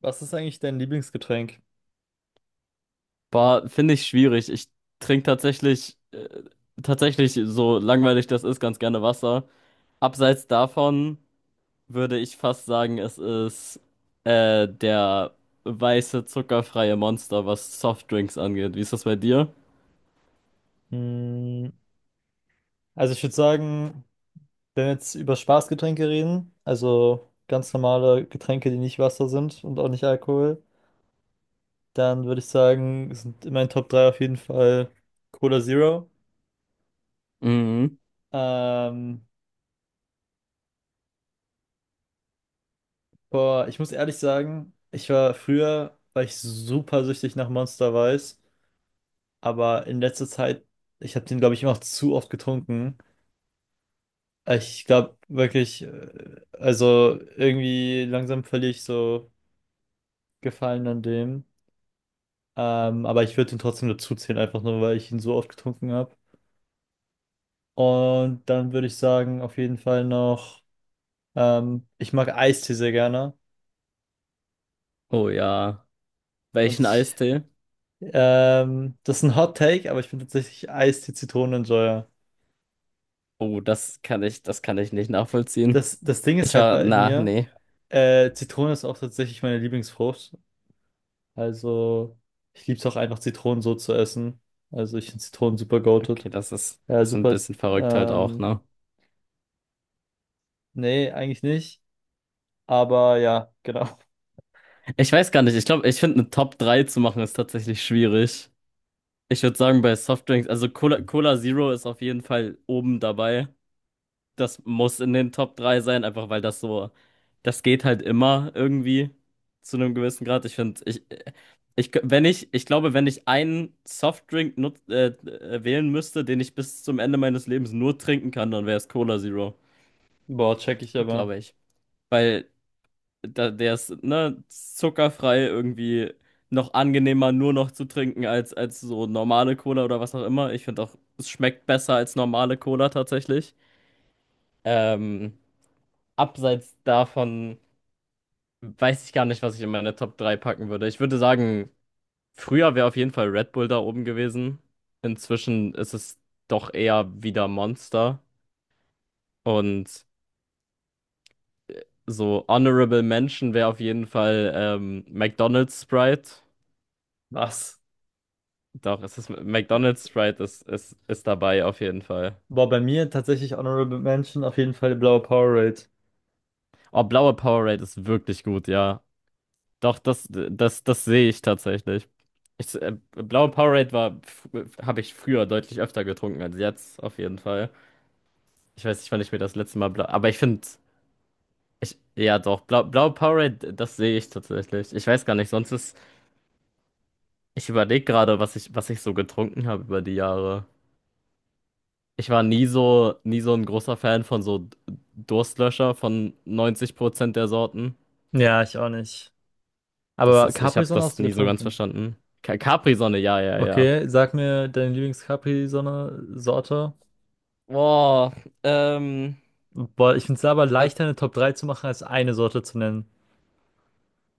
Was ist eigentlich dein Lieblingsgetränk? Boah, finde ich schwierig. Ich trinke tatsächlich, tatsächlich, so langweilig das ist, ganz gerne Wasser. Abseits davon würde ich fast sagen, es ist der weiße, zuckerfreie Monster, was Softdrinks angeht. Wie ist das bei dir? Hm, also ich würde sagen, wenn wir jetzt über Spaßgetränke reden, also ganz normale Getränke, die nicht Wasser sind und auch nicht Alkohol, dann würde ich sagen, sind in meinen Top 3 auf jeden Fall Cola Zero. Mhm. Ähm, boah, ich muss ehrlich sagen, ich war früher, war ich super süchtig nach Monster Weiß, aber in letzter Zeit, ich habe den, glaube ich, immer noch zu oft getrunken. Ich glaube wirklich, also irgendwie langsam verliere ich so Gefallen an dem. Aber ich würde ihn trotzdem dazu zählen, einfach nur, weil ich ihn so oft getrunken habe. Und dann würde ich sagen, auf jeden Fall noch, ich mag Eistee sehr gerne. Oh ja. Und Welchen ich, Eistee? Das ist ein Hot Take, aber ich bin tatsächlich Eistee-Zitronenenjoyer. Oh, das kann ich nicht nachvollziehen. Das Ding Ich ist halt war, bei na, mir, nee. Zitrone ist auch tatsächlich meine Lieblingsfrucht. Also, ich liebe es auch einfach, Zitronen so zu essen. Also, ich finde Zitronen super goated. Okay, Ja, ist ein super. bisschen verrückt halt auch, Ähm, ne? nee, eigentlich nicht. Aber ja, genau. Ich weiß gar nicht. Ich glaube, ich finde eine Top 3 zu machen ist tatsächlich schwierig. Ich würde sagen, bei Softdrinks, also Cola Zero ist auf jeden Fall oben dabei. Das muss in den Top 3 sein, einfach weil das geht halt immer irgendwie zu einem gewissen Grad. Ich finde, ich glaube, wenn ich einen wählen müsste, den ich bis zum Ende meines Lebens nur trinken kann, dann wäre es Cola Zero, Boah, check ich aber. glaube ich. Weil da, der ist, ne, zuckerfrei irgendwie noch angenehmer nur noch zu trinken als, als so normale Cola oder was auch immer. Ich finde auch, es schmeckt besser als normale Cola tatsächlich. Ähm, Abseits davon weiß ich gar nicht, was ich in meine Top 3 packen würde. Ich würde sagen, früher wäre auf jeden Fall Red Bull da oben gewesen. Inzwischen ist es doch eher wieder Monster. Und so Honorable Mention wäre auf jeden Fall McDonald's Sprite. Was? Doch, es ist McDonald's Sprite ist dabei auf jeden Fall. Boah, bei mir tatsächlich Honorable Mention auf jeden Fall die blaue Powerade. Oh, blaue Powerade ist wirklich gut, ja. Doch, das sehe ich tatsächlich. Blaue Powerade war, habe ich früher deutlich öfter getrunken als jetzt, auf jeden Fall. Ich weiß nicht, wann ich mir das letzte Mal blau, aber ich finde, ich, ja doch, blau, blaue Powerade, das sehe ich tatsächlich. Ich weiß gar nicht, ich überlege gerade, was ich so getrunken habe über die Jahre. Ich war nie so ein großer Fan von so Durstlöscher von 90% der Sorten. Ja, ich auch nicht. Das Aber ist, ich habe Capri-Sonne das hast du nie so ganz getrunken. verstanden. Capri-Sonne, ja, ja, ja. Okay, sag mir deine Lieblings-Capri-Sonne-Sorte. Boah, ähm, Boah, ich finde es aber äh, leichter, eine Top 3 zu machen, als eine Sorte zu nennen.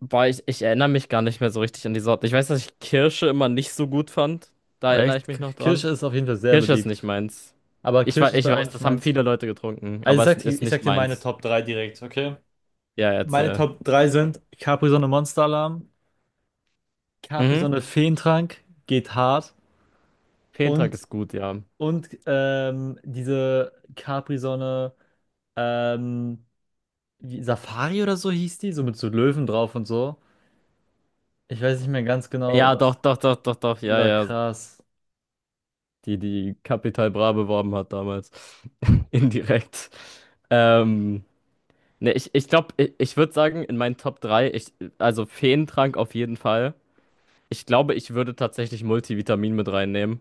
boah, ich erinnere mich gar nicht mehr so richtig an die Sorten. Ich weiß, dass ich Kirsche immer nicht so gut fand. Da erinnere ich Echt? mich K- noch dran. Kirsche ist auf jeden Fall sehr Kirsche ist nicht beliebt. meins. Aber Kirsch ist Ich bei auch weiß, nicht das haben meins. viele Leute getrunken, Also aber es ist ich nicht sag dir meine meins. Top drei direkt, okay? Ja, Meine erzähl. Top 3 sind Capri-Sonne Monster-Alarm, Mhm. Capri-Sonne Feentrank, geht hart Fehntrag und, ist gut, ja. und diese Capri-Sonne ähm, wie- Safari oder so hieß die, so mit so Löwen drauf und so. Ich weiß nicht mehr ganz genau, Ja, doch, was. doch, doch, doch, doch, Die ja, war ja, krass. die die Capital Bra beworben hat damals. Indirekt. Ähm, ne, ich glaube, ich würde sagen, in meinen Top 3 also Feentrank auf jeden Fall. Ich glaube, ich würde tatsächlich Multivitamin mit reinnehmen.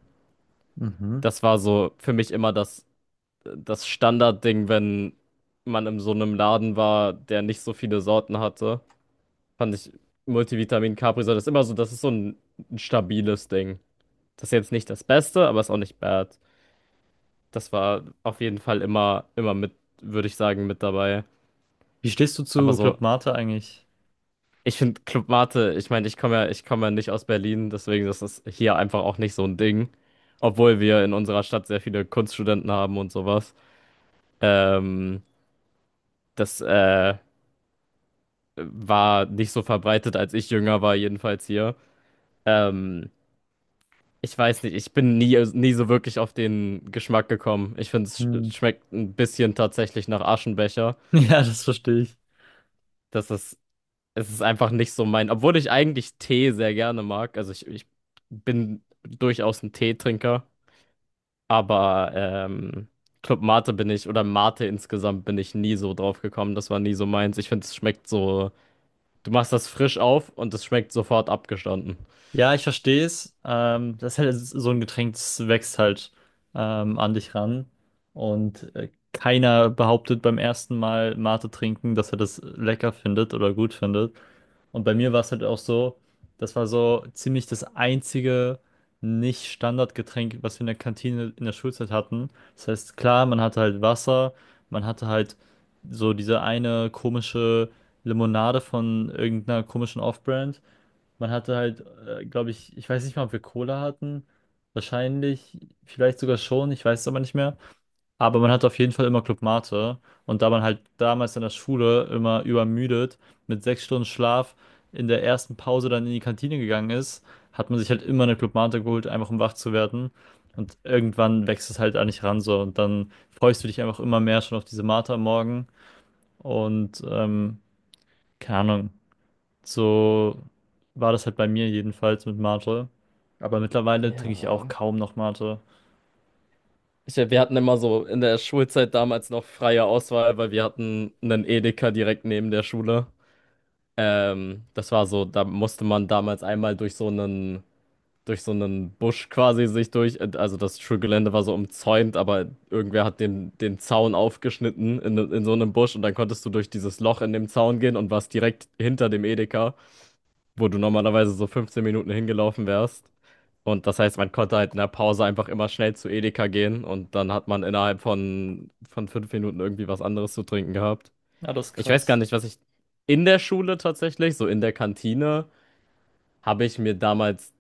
Mhm. Das war so für mich immer das Standardding, wenn man in so einem Laden war, der nicht so viele Sorten hatte. Fand ich Multivitamin Capri-Sonne ist immer so, das ist so ein stabiles Ding. Das ist jetzt nicht das Beste, aber ist auch nicht bad. Das war auf jeden Fall immer mit, würde ich sagen, mit dabei. Wie stehst du Aber zu so, Club Mate eigentlich? ich finde Club Mate, ich meine, ich komme ja nicht aus Berlin, deswegen ist das hier einfach auch nicht so ein Ding. Obwohl wir in unserer Stadt sehr viele Kunststudenten haben und sowas. Ähm, das war nicht so verbreitet, als ich jünger war, jedenfalls hier. Ähm, ich weiß nicht, ich bin nie so wirklich auf den Geschmack gekommen. Ich finde, es Hm. schmeckt ein bisschen tatsächlich nach Aschenbecher. Ja, das verstehe ich. Das ist Es ist einfach nicht so mein, obwohl ich eigentlich Tee sehr gerne mag. Ich bin durchaus ein Teetrinker, aber Club Mate bin ich oder Mate insgesamt bin ich nie so drauf gekommen. Das war nie so meins. Ich finde, es schmeckt so, du machst das frisch auf und es schmeckt sofort abgestanden. Ja, ich verstehe es. Das ist halt so ein Getränk, das wächst halt an dich ran. Und keiner behauptet beim ersten Mal Mate trinken, dass er das lecker findet oder gut findet. Und bei mir war es halt auch so, das war so ziemlich das einzige Nicht-Standardgetränk, was wir in der Kantine in der Schulzeit hatten. Das heißt, klar, man hatte halt Wasser, man hatte halt so diese eine komische Limonade von irgendeiner komischen Off-Brand. Man hatte halt, glaube ich, ich weiß nicht mal, ob wir Cola hatten. Wahrscheinlich, vielleicht sogar schon, ich weiß es aber nicht mehr. Aber man hatte auf jeden Fall immer Club Mate. Und da man halt damals in der Schule immer übermüdet, mit 6 Stunden Schlaf in der ersten Pause dann in die Kantine gegangen ist, hat man sich halt immer eine Club Mate geholt, einfach um wach zu werden. Und irgendwann wächst es halt an dich ran so. Und dann freust du dich einfach immer mehr schon auf diese Mate am Morgen. Und keine Ahnung. So war das halt bei mir jedenfalls mit Mate. Aber mittlerweile trinke ich auch Ja. kaum noch Mate. Ich, wir hatten immer so in der Schulzeit damals noch freie Auswahl, weil wir hatten einen Edeka direkt neben der Schule. Das war so, da musste man damals einmal durch so einen Busch quasi sich durch. Also das Schulgelände war so umzäunt, aber irgendwer hat den Zaun aufgeschnitten in so einem Busch und dann konntest du durch dieses Loch in dem Zaun gehen und warst direkt hinter dem Edeka, wo du normalerweise so 15 Minuten hingelaufen wärst. Und das heißt, man konnte halt in der Pause einfach immer schnell zu Edeka gehen und dann hat man innerhalb von fünf Minuten irgendwie was anderes zu trinken gehabt. Ja, das ist Ich weiß gar krass. nicht, was ich in der Schule tatsächlich, so in der Kantine, habe ich mir damals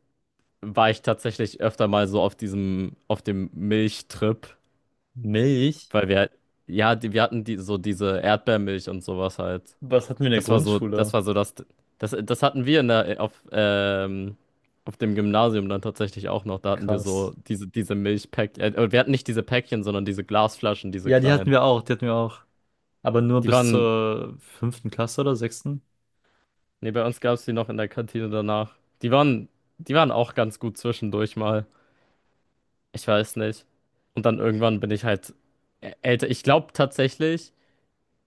war ich tatsächlich öfter mal so auf diesem, auf dem Milchtrip, Milch? weil wir, halt- ja, wir hatten die, so diese Erdbeermilch und sowas halt. Was hatten wir in der Das Grundschule? war so das hatten wir in auf dem Gymnasium dann tatsächlich auch noch. Da hatten wir Krass. so diese wir hatten nicht diese Päckchen, sondern diese Glasflaschen, diese Ja, die hatten kleinen. wir auch, die hatten wir auch. Aber nur Die bis waren, zur fünften Klasse oder sechsten. nee, bei uns gab es die noch in der Kantine danach. Die waren, die waren auch ganz gut zwischendurch mal. Ich weiß nicht. Und dann irgendwann bin ich halt älter. Ich glaube tatsächlich,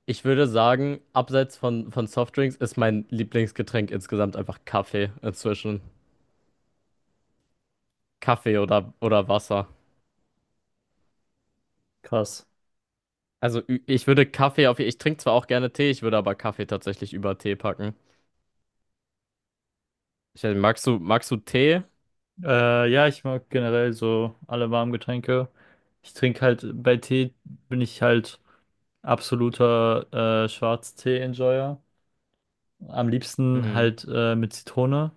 ich würde sagen, abseits von Softdrinks ist mein Lieblingsgetränk insgesamt einfach Kaffee inzwischen. Kaffee oder Wasser. Krass. Also ich würde Kaffee auf, ich trinke zwar auch gerne Tee, ich würde aber Kaffee tatsächlich über Tee packen. Ich, weiß nicht, magst du Tee? Ja, ich mag generell so alle warmen Getränke. Ich trinke halt, bei Tee bin ich halt absoluter Schwarztee-Enjoyer. Am liebsten Mhm. halt mit Zitrone.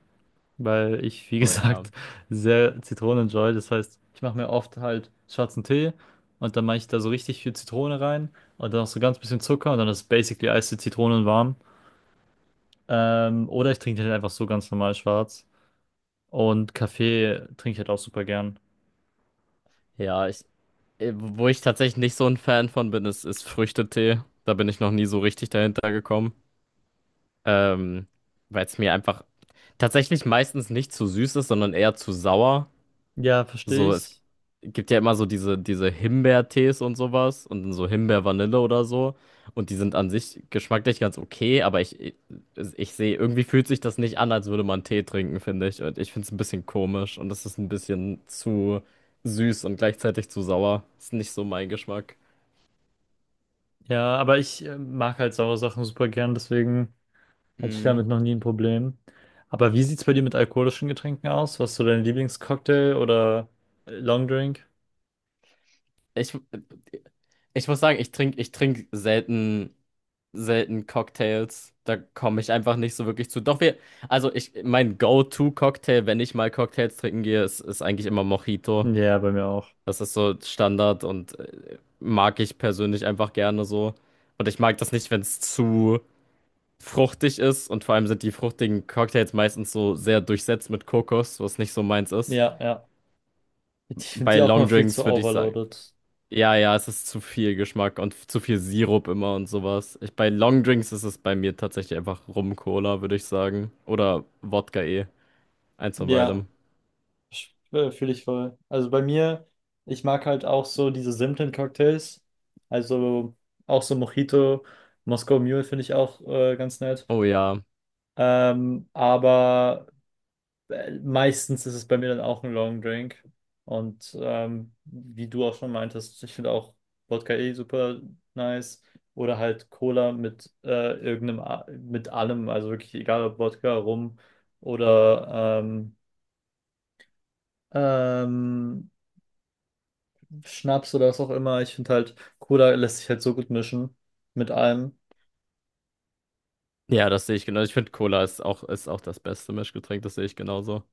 Weil ich, wie Oh ja. gesagt, sehr Zitronen enjoy. Das heißt, ich mache mir oft halt schwarzen Tee und dann mache ich da so richtig viel Zitrone rein und dann noch so ganz bisschen Zucker und dann ist basically eiste Zitronen warm. Oder ich trinke den halt einfach so ganz normal schwarz. Und Kaffee trinke ich halt auch super gern. Ja, wo ich tatsächlich nicht so ein Fan von bin, ist Früchtetee. Da bin ich noch nie so richtig dahinter gekommen. Ähm, weil es mir einfach tatsächlich meistens nicht zu süß ist, sondern eher zu sauer. Ja, verstehe So, es ich. gibt ja immer so diese Himbeertees und sowas und dann so Himbeer-Vanille oder so. Und die sind an sich geschmacklich ganz okay, aber ich sehe, irgendwie fühlt sich das nicht an, als würde man Tee trinken, finde ich. Und ich finde es ein bisschen komisch und es ist ein bisschen zu süß und gleichzeitig zu sauer. Ist nicht so mein Geschmack. Ja, aber ich mag halt saure Sachen super gern, deswegen hatte ich Mm. damit noch nie ein Problem. Aber wie sieht's bei dir mit alkoholischen Getränken aus? Was ist so dein Lieblingscocktail oder Longdrink? Ich, ich muss sagen, ich trink selten Cocktails. Da komme ich einfach nicht so wirklich zu. Doch wir, also ich, mein Go-To-Cocktail, wenn ich mal Cocktails trinken gehe, ist eigentlich immer Mojito. Ja, bei mir auch. Das ist so Standard und mag ich persönlich einfach gerne so. Und ich mag das nicht, wenn es zu fruchtig ist. Und vor allem sind die fruchtigen Cocktails meistens so sehr durchsetzt mit Kokos, was nicht so meins ist. Ja, ja. Ich finde Bei die auch mal Long viel zu Drinks würde ich sagen, overloaded. ja, ja, es ist zu viel Geschmack und zu viel Sirup immer und sowas. Ich, bei Longdrinks ist es bei mir tatsächlich einfach Rum-Cola, würde ich sagen. Oder Wodka eh. Eins von Ja, beidem. fühle ich voll. Also bei mir, ich mag halt auch so diese simplen Cocktails. Also auch so Mojito, Moscow Mule finde ich auch ganz nett. Oh ja. Aber meistens ist es bei mir dann auch ein Long Drink. Und wie du auch schon meintest, ich finde auch Wodka eh super nice. Oder halt Cola mit irgendeinem, A- mit allem, also wirklich egal ob Wodka, Rum oder ähm, Schnaps oder was auch immer. Ich finde halt, Cola lässt sich halt so gut mischen mit allem. Ja, das sehe ich genau. Ich finde, Cola ist ist auch das beste Mischgetränk, das sehe ich genauso.